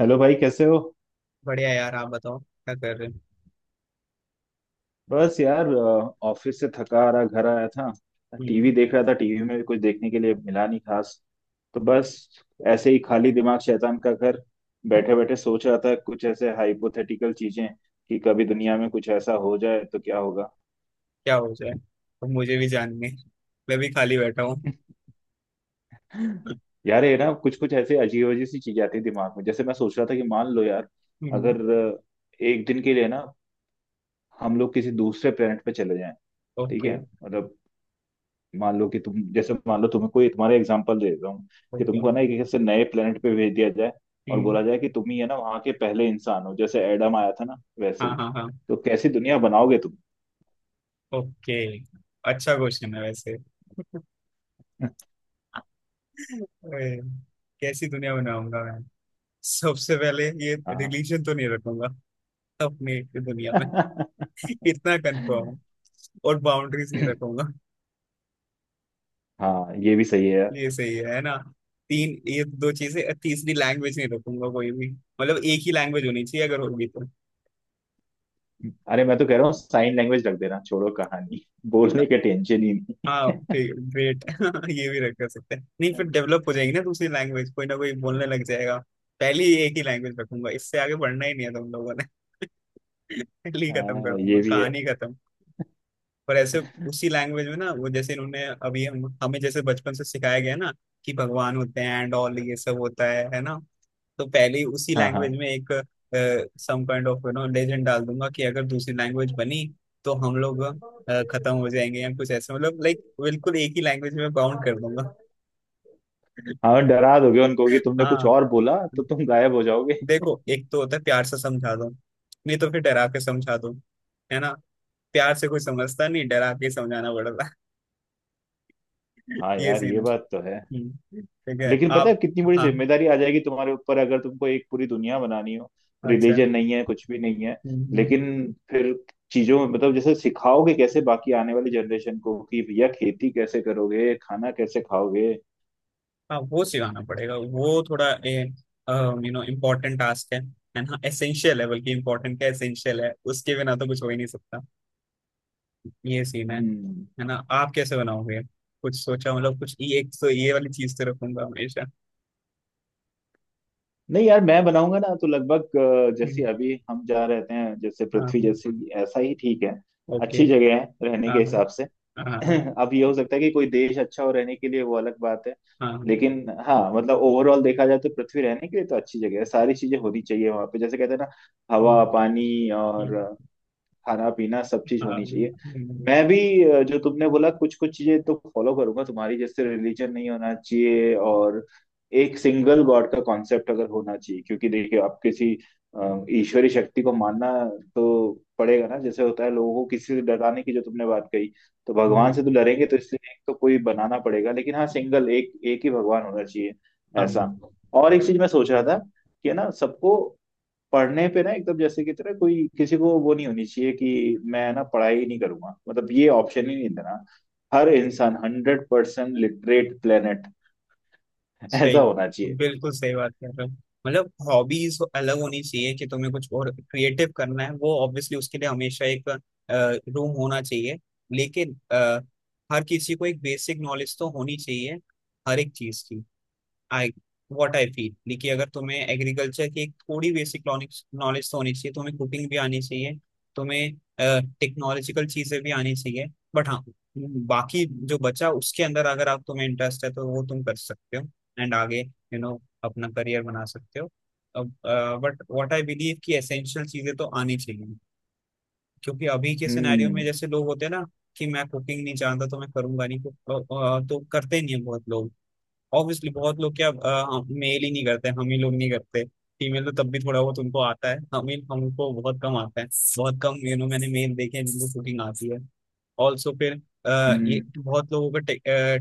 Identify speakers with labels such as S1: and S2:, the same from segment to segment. S1: Hello भाई, कैसे हो?
S2: बढ़िया यार। आप बताओ, क्या कर रहे हो?
S1: बस यार ऑफिस से थका आ रहा, घर आया था।
S2: हम्म।
S1: टीवी देख रहा था, टीवी में भी कुछ देखने के लिए मिला नहीं खास, तो बस ऐसे ही, खाली दिमाग शैतान का घर। बैठे बैठे सोच रहा था कुछ ऐसे हाइपोथेटिकल चीजें कि कभी दुनिया में कुछ ऐसा हो जाए तो क्या होगा।
S2: क्या हो जाए? अब मुझे भी जानने। मैं भी खाली बैठा हूँ।
S1: यार ये ना कुछ कुछ ऐसे अजीब अजीब सी चीजें आती है दिमाग में, जैसे मैं सोच रहा था कि मान लो यार,
S2: हम्म।
S1: अगर एक दिन के लिए ना हम लोग किसी दूसरे प्लेनेट पे चले जाएं। ठीक
S2: ओके।
S1: है, मतलब मान लो कि तुम, जैसे मान लो तुम्हें कोई, तुम्हारा एग्जांपल दे देता हूँ कि
S2: ओके।
S1: तुमको ना एक एक से नए प्लेनेट पे भेज दिया जाए और
S2: हम्म।
S1: बोला जाए कि तुम ही है ना वहां के पहले इंसान हो, जैसे एडम आया था ना वैसे
S2: हाँ,
S1: ही,
S2: हाँ, हाँ।
S1: तो कैसी दुनिया बनाओगे तुम?
S2: ओके। अच्छा क्वेश्चन है वैसे। अरे, कैसी दुनिया बनाऊंगा मैं। सबसे पहले ये
S1: हाँ।
S2: रिलीजन तो नहीं रखूंगा अपनी दुनिया में। इतना कंफर्म है। और बाउंड्रीज नहीं रखूंगा।
S1: हाँ, ये भी सही है यार।
S2: ये सही है ना? तीन, ये दो चीजें, तीसरी लैंग्वेज नहीं रखूंगा कोई भी। मतलब एक ही लैंग्वेज होनी चाहिए, अगर होगी तो।
S1: अरे, मैं तो कह रहा हूँ साइन लैंग्वेज रख देना, छोड़ो कहानी, बोलने का टेंशन ही नहीं।
S2: हाँ ठीक, ग्रेट। ये भी रख कर सकते हैं। नहीं, फिर डेवलप हो जाएगी ना दूसरी लैंग्वेज, कोई ना कोई बोलने लग जाएगा। पहले ही एक ही लैंग्वेज रखूंगा। इससे आगे बढ़ना ही नहीं है तुम लोगों ने। पहले ही खत्म कर
S1: हाँ
S2: दूंगा
S1: ये भी है।
S2: कहानी। खत्म। पर ऐसे उसी लैंग्वेज में ना वो, जैसे इन्होंने अभी हम हमें जैसे बचपन से सिखाया गया ना कि भगवान होते हैं एंड ऑल, ये सब होता है ना? तो पहले ही उसी
S1: हाँ
S2: लैंग्वेज
S1: हाँ
S2: में एक सम काइंड ऑफ लेजेंड डाल दूंगा कि अगर दूसरी लैंग्वेज बनी तो हम लोग खत्म हो जाएंगे या कुछ ऐसे, मतलब लाइक बिल्कुल एक ही लैंग्वेज में बाउंड कर दूंगा।
S1: हाँ, डरा दोगे उनको कि तुमने कुछ
S2: हाँ।
S1: और बोला तो तुम गायब हो जाओगे।
S2: देखो, एक तो होता है प्यार से समझा दो, नहीं तो फिर डरा के समझा दो, है ना? प्यार से कोई समझता नहीं, डरा के समझाना पड़ता है।
S1: हाँ
S2: ये
S1: यार,
S2: सीन
S1: ये
S2: है।
S1: बात तो है।
S2: हम्म। ठीक है
S1: लेकिन पता है
S2: आप।
S1: कितनी बड़ी
S2: हाँ।
S1: जिम्मेदारी आ जाएगी तुम्हारे ऊपर अगर तुमको एक पूरी दुनिया बनानी हो।
S2: अच्छा।
S1: रिलीजन नहीं है, कुछ भी नहीं है,
S2: हम्म। हम्म।
S1: लेकिन फिर चीजों में, मतलब जैसे सिखाओगे कैसे बाकी आने वाली जनरेशन को कि भैया खेती कैसे करोगे, खाना कैसे खाओगे।
S2: हाँ, वो सिखाना पड़ेगा, वो थोड़ा इम्पोर्टेंट टास्क है ना? एसेंशियल है, बल्कि इम्पोर्टेंट क्या, एसेंशियल है। उसके बिना तो कुछ हो ही नहीं सकता। ये सीन है।
S1: हम्म।
S2: है ना? आप कैसे बनाओगे? कुछ सोचा? मतलब कुछ, ये एक तो ये वाली चीज तो रखूंगा हमेशा।
S1: नहीं यार, मैं बनाऊंगा ना तो लगभग जैसे
S2: हम्म,
S1: अभी हम जहाँ रहते हैं, जैसे पृथ्वी
S2: हाँ।
S1: जैसी, ऐसा ही ठीक है।
S2: ओके।
S1: अच्छी
S2: हाँ,
S1: जगह है रहने के
S2: okay।
S1: हिसाब से।
S2: हाँ, हाँ, हाँ।
S1: अब ये हो सकता है कि कोई देश अच्छा हो रहने के लिए, वो अलग बात है,
S2: हाँ, हाँ।
S1: लेकिन हाँ मतलब ओवरऑल देखा जाए तो पृथ्वी रहने के लिए तो अच्छी जगह है। सारी चीजें होनी चाहिए वहां पे, जैसे कहते हैं ना, हवा
S2: हम्म।
S1: पानी और
S2: हम्म।
S1: खाना पीना सब चीज
S2: हाँ।
S1: होनी चाहिए।
S2: हम्म।
S1: मैं भी जो तुमने बोला कुछ कुछ चीजें तो फॉलो करूंगा तुम्हारी, जैसे रिलीजन नहीं होना चाहिए, और एक सिंगल गॉड का कॉन्सेप्ट अगर होना चाहिए, क्योंकि देखिए आप किसी ईश्वरी शक्ति को मानना तो पड़ेगा ना, जैसे होता है लोगों को किसी से डराने की जो तुमने बात कही, तो भगवान
S2: हम्म।
S1: से तो डरेंगे, तो इसलिए एक तो कोई बनाना पड़ेगा, लेकिन हाँ सिंगल, एक एक ही भगवान होना चाहिए
S2: हाँ,
S1: ऐसा।
S2: हाँ।
S1: और एक चीज मैं सोच रहा था, कि है ना सबको पढ़ने पे ना एकदम जैसे की तरह कोई किसी को, वो नहीं होनी चाहिए कि मैं ना पढ़ाई नहीं करूंगा, मतलब ये ऑप्शन ही नहीं देना। हर इंसान 100% लिटरेट प्लेनेट। ऐसा
S2: सही।
S1: होना चाहिए।
S2: बिल्कुल सही बात कर रहे हो। मतलब हॉबीज अलग होनी चाहिए, कि तुम्हें कुछ और क्रिएटिव करना है वो ऑब्वियसली, उसके लिए हमेशा एक रूम होना चाहिए। लेकिन हर किसी को एक बेसिक नॉलेज तो होनी चाहिए, हर एक चीज की। आई व्हाट आई फील कि अगर तुम्हें एग्रीकल्चर की एक थोड़ी बेसिक नॉलेज तो होनी चाहिए, तुम्हें कुकिंग भी आनी चाहिए, तुम्हें टेक्नोलॉजिकल चीजें भी आनी चाहिए। बट हाँ, बाकी जो बचा उसके अंदर अगर आप तुम्हें इंटरेस्ट है तो वो तुम कर सकते हो एंड आगे अपना करियर बना सकते हो। अब बट व्हाट आई बिलीव, कि एसेंशियल चीजें तो आनी चाहिए। क्योंकि अभी के सिनेरियो में
S1: हम्म।
S2: जैसे लोग होते हैं ना, कि मैं कुकिंग नहीं जानता तो मैं करूंगा नहीं तो करते नहीं है बहुत लोग। ऑब्वियसली बहुत लोग क्या, मेल ही नहीं करते, हम ही लोग नहीं करते। फीमेल तो तब भी थोड़ा बहुत उनको आता है, हम ही हमको बहुत कम आता है। बहुत कम, मैंने मेल देखे हैं जिनको कुकिंग आती है। ऑल्सो फिर ये
S1: हम्म।
S2: बहुत लोगों को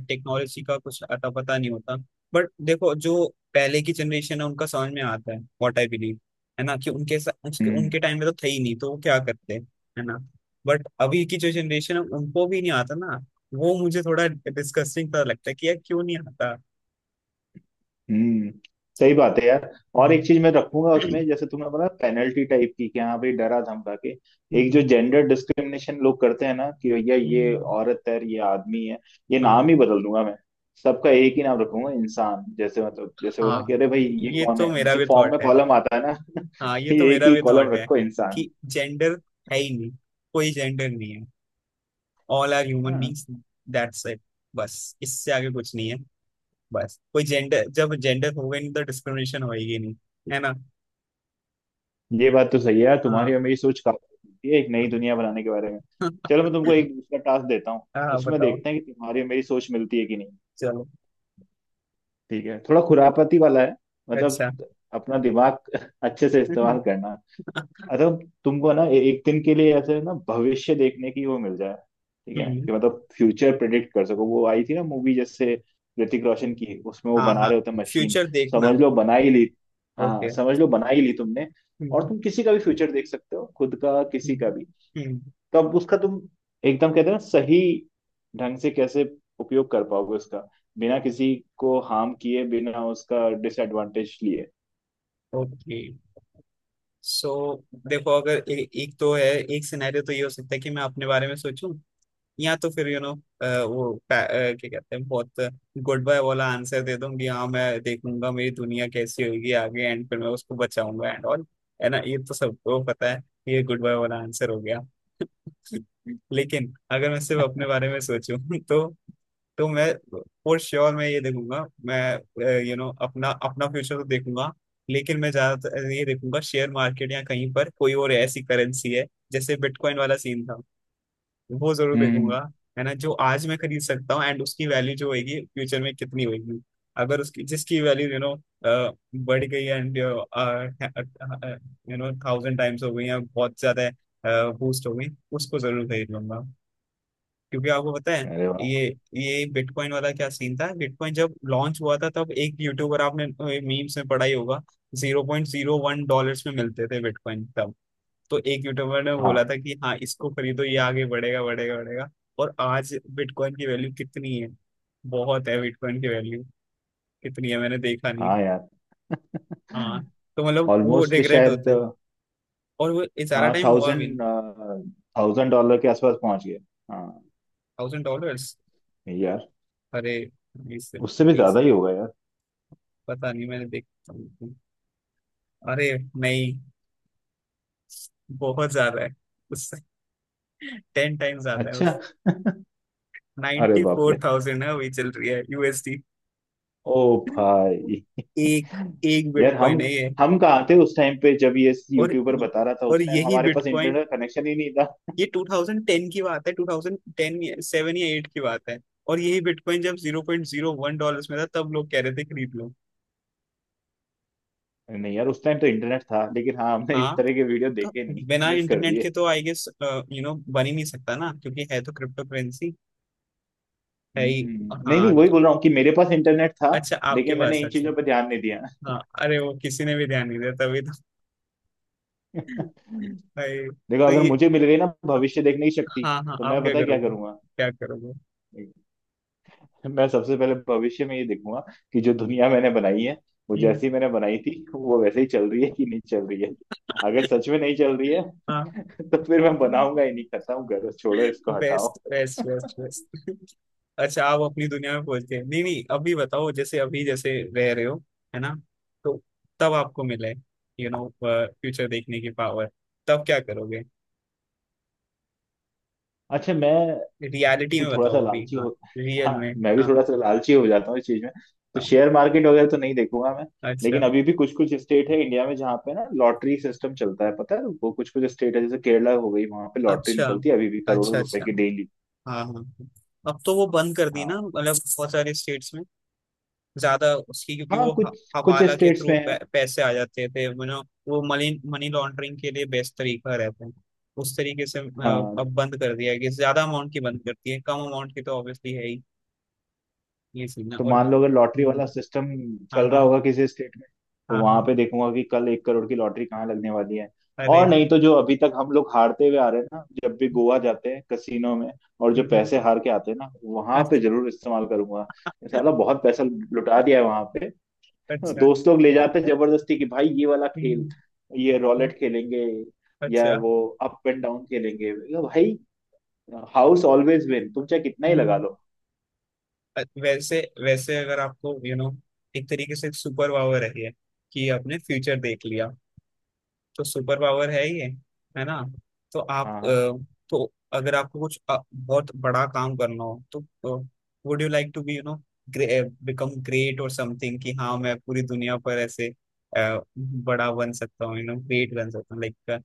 S2: टेक्नोलॉजी का कुछ अता पता नहीं होता। बट देखो, जो पहले की जनरेशन है उनका समझ में आता है व्हाट आई बिलीव, है ना? कि उनके सा- उसके-
S1: हम्म।
S2: उनके टाइम में तो थे ही नहीं, तो वो क्या करते, है ना? बट अभी की जो जनरेशन है उनको भी नहीं आता ना, वो मुझे थोड़ा डिस्कस्टिंग सा लगता है कि यार क्यों नहीं आता।
S1: हम्म। सही बात है यार। और
S2: हम्म।
S1: एक चीज मैं रखूंगा उसमें, जैसे तुमने बोला पेनल्टी टाइप की, कि हाँ भाई डरा धमका के एक जो
S2: हम्म।
S1: जेंडर डिस्क्रिमिनेशन लोग करते हैं ना, कि भैया ये
S2: हम्म।
S1: औरत है ये आदमी है, ये
S2: हाँ,
S1: नाम ही बदल दूंगा मैं। सबका एक ही नाम रखूंगा, इंसान। जैसे मतलब जैसे
S2: हाँ।
S1: बोला कि अरे भाई ये
S2: ये
S1: कौन
S2: तो
S1: है,
S2: मेरा
S1: जैसे
S2: भी
S1: फॉर्म में
S2: थॉट है।
S1: कॉलम आता है ना।
S2: हाँ, ये तो
S1: ये एक
S2: मेरा
S1: ही
S2: भी
S1: कॉलम
S2: थॉट है।
S1: रखो,
S2: कि
S1: इंसान।
S2: जेंडर है ही नहीं, कोई जेंडर नहीं है। ऑल आर ह्यूमन
S1: हाँ,
S2: बीइंग्स। That's it. बस इससे आगे कुछ नहीं है। बस कोई जेंडर, जब जेंडर होगा ही नहीं तो डिस्क्रिमिनेशन होएगी नहीं, है ना?
S1: ये बात तो सही है यार, तुम्हारी
S2: हाँ।
S1: और मेरी सोच काफी है एक नई दुनिया बनाने के बारे में। चलो मैं तुमको एक दूसरा टास्क देता हूँ,
S2: हाँ,
S1: उसमें
S2: बताओ।
S1: देखते हैं कि तुम्हारी और मेरी सोच मिलती है कि नहीं।
S2: चलो।
S1: ठीक है, थोड़ा खुरापती वाला है, मतलब
S2: अच्छा।
S1: अपना दिमाग अच्छे से इस्तेमाल करना।
S2: हम्म।
S1: अगर तुमको ना एक दिन के लिए ऐसे ना भविष्य देखने की वो मिल जाए, ठीक है, कि मतलब फ्यूचर प्रिडिक्ट कर सको, वो आई थी ना मूवी जैसे, ऋतिक रोशन की, उसमें वो
S2: हाँ,
S1: बना
S2: हाँ,
S1: रहे होते मशीन,
S2: फ्यूचर देखना।
S1: समझ लो बना ही ली, हाँ
S2: ओके।
S1: समझ लो बना ही ली तुमने, और
S2: हम्म।
S1: तुम किसी का भी फ्यूचर देख सकते हो, खुद का, किसी का भी।
S2: हम्म।
S1: तो अब उसका तुम, एकदम कहते हैं ना, सही ढंग से कैसे उपयोग कर पाओगे उसका, बिना किसी को हार्म किए, बिना उसका डिसएडवांटेज लिए।
S2: ओके। सो देखो, अगर एक तो है एक सिनेरियो, तो ये हो सकता है कि मैं अपने बारे में सोचूं, या तो फिर वो क्या कहते हैं, बहुत गुड बाय वाला आंसर दे दूं कि हाँ मैं देखूंगा मेरी दुनिया कैसी होगी आगे एंड फिर मैं उसको बचाऊंगा एंड ऑल, है ना? ये तो सबको पता है, ये गुड बाय वाला आंसर हो गया। लेकिन अगर मैं सिर्फ अपने बारे में सोचूं, तो मैं, फॉर श्योर, मैं ये देखूंगा। मैं, अपना अपना फ्यूचर तो देखूंगा, लेकिन मैं ज्यादातर ये देखूंगा शेयर मार्केट या कहीं पर कोई और ऐसी करेंसी है, जैसे बिटकॉइन वाला सीन था, वो जरूर
S1: हम्म।
S2: देखूंगा। है ना? जो आज मैं खरीद सकता हूँ एंड उसकी वैल्यू जो होगी फ्यूचर में कितनी होगी। अगर उसकी जिसकी वैल्यू बढ़ गई एंड थाउजेंड टाइम्स हो गई या बहुत ज्यादा बूस्ट हो गई, उसको जरूर खरीद लूंगा, क्योंकि आपको पता है।
S1: अरे
S2: ये
S1: वाह।
S2: ये बिटकॉइन वाला क्या सीन था, बिटकॉइन जब लॉन्च हुआ था तब एक यूट्यूबर, आपने मीम्स में पढ़ा ही होगा, $0.01 में मिलते थे बिटकॉइन तब। तो एक यूट्यूबर ने बोला
S1: हाँ
S2: था कि हाँ, इसको खरीदो, ये आगे बढ़ेगा, बढ़ेगा, बढ़ेगा। और आज बिटकॉइन की वैल्यू कितनी है? बहुत है बिटकॉइन की वैल्यू। कितनी है मैंने देखा नहीं।
S1: हाँ यार।
S2: हाँ, तो मतलब वो
S1: ऑलमोस्ट
S2: रिग्रेट
S1: शायद।
S2: होता है, और वो ये सारा
S1: हाँ,
S2: टाइम हुआ भी नहीं।
S1: थाउजेंड, डॉलर के आसपास पहुंच गए। हाँ
S2: थाउजेंड डॉलर्स।
S1: यार,
S2: अरे, इससे
S1: उससे भी
S2: एक
S1: ज्यादा
S2: से,
S1: ही होगा यार।
S2: पता नहीं मैंने देखा। अरे, नहीं। बहुत ज्यादा है उससे। टेन टाइम ज्यादा है
S1: अच्छा।
S2: उससे।
S1: अरे बाप रे।
S2: 94,000, फोर थाउजेंड है, वही चल रही है यूएसडी।
S1: ओ भाई।
S2: एक, एक
S1: यार हम
S2: बिटकॉइन है ये।
S1: हम कहाँ थे उस टाइम पे जब ये
S2: और
S1: यूट्यूबर बता रहा था,
S2: और
S1: उस टाइम
S2: यही
S1: हमारे पास
S2: बिटकॉइन,
S1: इंटरनेट कनेक्शन ही नहीं था।
S2: ये 2010 की बात है, 2010 या 7 या 8 की बात है, और यही बिटकॉइन जब 0.01 डॉलर्स में था तब लोग कह रहे थे खरीद लो।
S1: नहीं यार, उस टाइम तो इंटरनेट था, लेकिन हाँ हमने इस
S2: हाँ।
S1: तरह के वीडियो
S2: तो
S1: देखे नहीं,
S2: बिना
S1: मिस कर
S2: इंटरनेट के
S1: दिए।
S2: तो आई गेस बन ही नहीं सकता ना, क्योंकि है तो क्रिप्टो करेंसी। है ही।
S1: हम्म, नहीं नहीं,
S2: हाँ,
S1: वही
S2: तो
S1: बोल रहा हूँ कि मेरे पास इंटरनेट था,
S2: अच्छा आपके
S1: लेकिन मैंने
S2: पास,
S1: इन
S2: अच्छा।
S1: चीजों पर ध्यान नहीं दिया।
S2: हाँ, अरे वो किसी ने भी ध्यान नहीं दिया तभी तो। भाई।
S1: देखो,
S2: तो
S1: अगर
S2: ये।
S1: मुझे मिल गई ना भविष्य देखने की शक्ति,
S2: हाँ, हाँ,
S1: तो
S2: आप
S1: मैं
S2: क्या
S1: पता है क्या
S2: करोगे?
S1: करूंगा।
S2: क्या करोगे?
S1: मैं सबसे पहले भविष्य में ये देखूंगा कि जो दुनिया मैंने बनाई है, वो
S2: हम्म,
S1: जैसी मैंने बनाई थी वो वैसे ही चल रही है कि नहीं चल रही है। अगर सच में नहीं चल रही है,
S2: हाँ।
S1: तो फिर मैं बनाऊंगा ही नहीं, खत्म करो, छोड़ो इसको,
S2: बेस्ट,
S1: हटाओ।
S2: Best, best, best. अच्छा, आप अपनी दुनिया में पहुंचते हैं? नहीं, नहीं, अभी बताओ, जैसे अभी जैसे रह रहे हो, है ना? तो तब आपको मिले फ्यूचर देखने की पावर, तब क्या करोगे?
S1: अच्छा, मैं
S2: रियलिटी
S1: भी
S2: में
S1: थोड़ा सा
S2: बताओ अभी,
S1: लालची
S2: हाँ।
S1: हो,
S2: रियल
S1: हाँ
S2: में।
S1: मैं भी
S2: हाँ।
S1: थोड़ा सा लालची हो जाता हूँ इस चीज में, तो
S2: हाँ।
S1: शेयर मार्केट वगैरह तो नहीं देखूंगा मैं।
S2: अच्छा।
S1: लेकिन अभी भी कुछ कुछ स्टेट है इंडिया में जहाँ पे ना लॉटरी सिस्टम चलता है पता है, वो कुछ कुछ स्टेट है, जैसे केरला हो गई, वहां पे लॉटरी
S2: अच्छा,
S1: निकलती है अभी भी करोड़ों
S2: अच्छा।
S1: रुपए
S2: अच्छा।
S1: की, डेली।
S2: हाँ, हाँ, हाँ। अब तो वो बंद कर दी ना, मतलब बहुत सारे स्टेट्स में। ज्यादा उसकी, क्योंकि
S1: हाँ,
S2: वो
S1: कुछ कुछ
S2: हवाला के
S1: स्टेट्स
S2: थ्रू
S1: में है।
S2: पैसे आ जाते थे, वो मनी मनी लॉन्ड्रिंग के लिए बेस्ट तरीका रहता है। उस तरीके से
S1: हाँ
S2: अब बंद कर दिया है कि ज्यादा अमाउंट की, बंद करती है कम अमाउंट की तो ऑब्वियसली है ही। ये सीन है।
S1: तो
S2: और
S1: मान लो, अगर लॉटरी
S2: हम्म।
S1: वाला सिस्टम
S2: हाँ,
S1: चल रहा
S2: हाँ।
S1: होगा किसी स्टेट में, तो
S2: हाँ,
S1: वहां
S2: हाँ।
S1: पे देखूंगा कि कल 1 करोड़ की लॉटरी कहाँ लगने वाली है।
S2: अरे।
S1: और नहीं तो जो अभी तक हम लोग हारते हुए आ रहे हैं ना, जब भी गोवा जाते हैं कसिनो में, और जो पैसे
S2: हम्म।
S1: हार के आते हैं ना वहां पे,
S2: अच्छा।
S1: जरूर इस्तेमाल करूंगा। ये साला बहुत पैसा लुटा दिया है वहां पे।
S2: अच्छा।
S1: दोस्त लोग ले जाते हैं जबरदस्ती कि भाई ये वाला
S2: हम्म।
S1: खेल, ये रोलेट खेलेंगे, या
S2: अच्छा।
S1: वो अप एंड डाउन खेलेंगे। मैं कहा, भाई, हाउस ऑलवेज विन, तुम चाहे कितना ही लगा
S2: हम्म।
S1: लो।
S2: वैसे वैसे, अगर आपको यू you नो know, एक तरीके से सुपर पावर है कि आपने फ्यूचर देख लिया, तो सुपर पावर है ये, है ना? तो आप
S1: हाँ हाँ।
S2: तो अगर आपको कुछ बहुत बड़ा काम करना हो तो, would you like to be become great और समथिंग, कि हाँ मैं पूरी दुनिया पर ऐसे बड़ा बन सकता हूँ, ग्रेट बन सकता हूँ, लाइक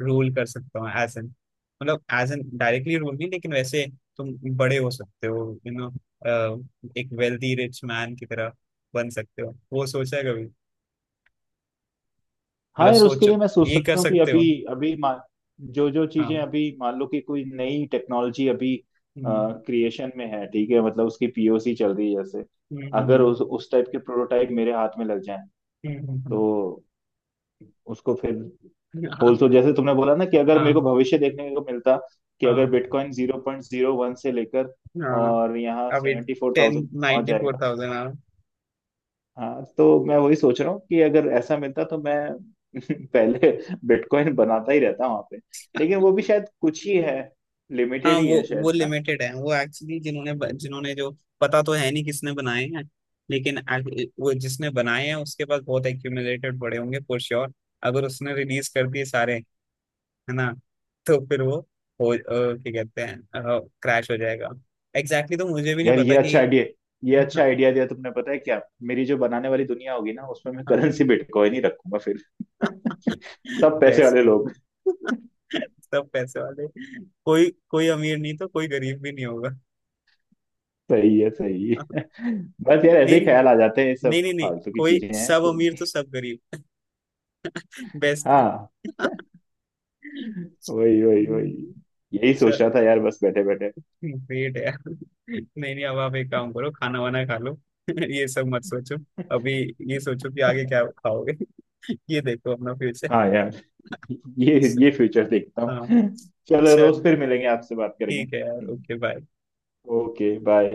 S2: रूल कर सकता हूँ एज एन, मतलब एज एन डायरेक्टली रूल नहीं लेकिन वैसे तुम बड़े हो सकते हो, यू नो एक वेल्दी रिच मैन की तरह बन सकते हो, वो सोचा है कभी?
S1: हाँ
S2: मतलब
S1: यार, उसके
S2: सोचो,
S1: लिए मैं सोच
S2: ये कर
S1: सकता हूँ कि
S2: सकते
S1: अभी,
S2: हो।
S1: अभी मा- जो जो चीजें
S2: हाँ।
S1: अभी, मान लो कि कोई नई टेक्नोलॉजी अभी
S2: हम्म।
S1: क्रिएशन में है, ठीक है, मतलब उसकी पीओसी चल रही है जैसे,
S2: हम्म।
S1: अगर
S2: हम्म।
S1: उस टाइप के प्रोटोटाइप मेरे हाथ में लग जाए
S2: हम्म। हम्म।
S1: तो उसको फिर
S2: हम्म। हाँ,
S1: होलसेल, जैसे तुमने बोला ना कि अगर मेरे को
S2: हाँ,
S1: भविष्य देखने को मिलता कि अगर
S2: हाँ,
S1: बिटकॉइन 0.01 से लेकर
S2: हाँ,
S1: और यहाँ
S2: अभी।
S1: सेवेंटी फोर
S2: टेन
S1: थाउजेंड पहुंच
S2: नाइन्टी फोर
S1: जाएगा।
S2: थाउजेंड हाँ।
S1: हाँ तो मैं वही सोच रहा हूँ कि अगर ऐसा मिलता तो मैं पहले बिटकॉइन बनाता ही रहता वहां पे, लेकिन वो भी शायद कुछ ही है,
S2: हाँ,
S1: लिमिटेड ही
S2: वो
S1: है शायद
S2: वो
S1: ना।
S2: लिमिटेड है, वो एक्चुअली जिन्होंने जो, पता तो है नहीं किसने बनाए हैं, लेकिन वो जिसने बनाए हैं उसके पास बहुत एक्यूमुलेटेड पड़े होंगे फॉर श्योर। अगर उसने रिलीज कर दिए सारे, है ना, तो फिर वो हो, क्या कहते हैं, क्रैश हो जाएगा। एग्जैक्टली तो मुझे भी नहीं
S1: यार ये
S2: पता कि।
S1: अच्छा आइडिया, ये अच्छा आइडिया दिया तुमने। पता है क्या, मेरी जो बनाने वाली दुनिया होगी ना उसमें मैं करेंसी बिटकॉइन ही रखूंगा फिर। सब पैसे
S2: पैसे।
S1: वाले लोग।
S2: सब पैसे वाले। कोई कोई अमीर नहीं तो कोई गरीब भी नहीं होगा।
S1: सही है, सही है। बस यार ऐसे
S2: नहीं,
S1: ही
S2: नहीं,
S1: ख्याल आ जाते हैं, ये सब
S2: नहीं, नहीं, नहीं,
S1: फालतू की
S2: कोई।
S1: चीजें हैं,
S2: सब
S1: कोई
S2: अमीर
S1: नहीं।
S2: तो सब गरीब। बेस्ट।
S1: हाँ, वही वही वही, यही सोच
S2: चल,
S1: रहा था यार, बस बैठे बैठे।
S2: ग्रेट है। नहीं, नहीं, अब आप एक काम करो, खाना वाना खा लो, ये सब मत सोचो अभी। ये सोचो कि आगे क्या खाओगे, ये देखो अपना फ्यूचर।
S1: हाँ यार। ये फ्यूचर देखता
S2: हाँ।
S1: हूँ। चलो दोस्त,
S2: चल,
S1: फिर मिलेंगे, आपसे बात करेंगे।
S2: ठीक है यार, ओके बाय।
S1: Okay bye.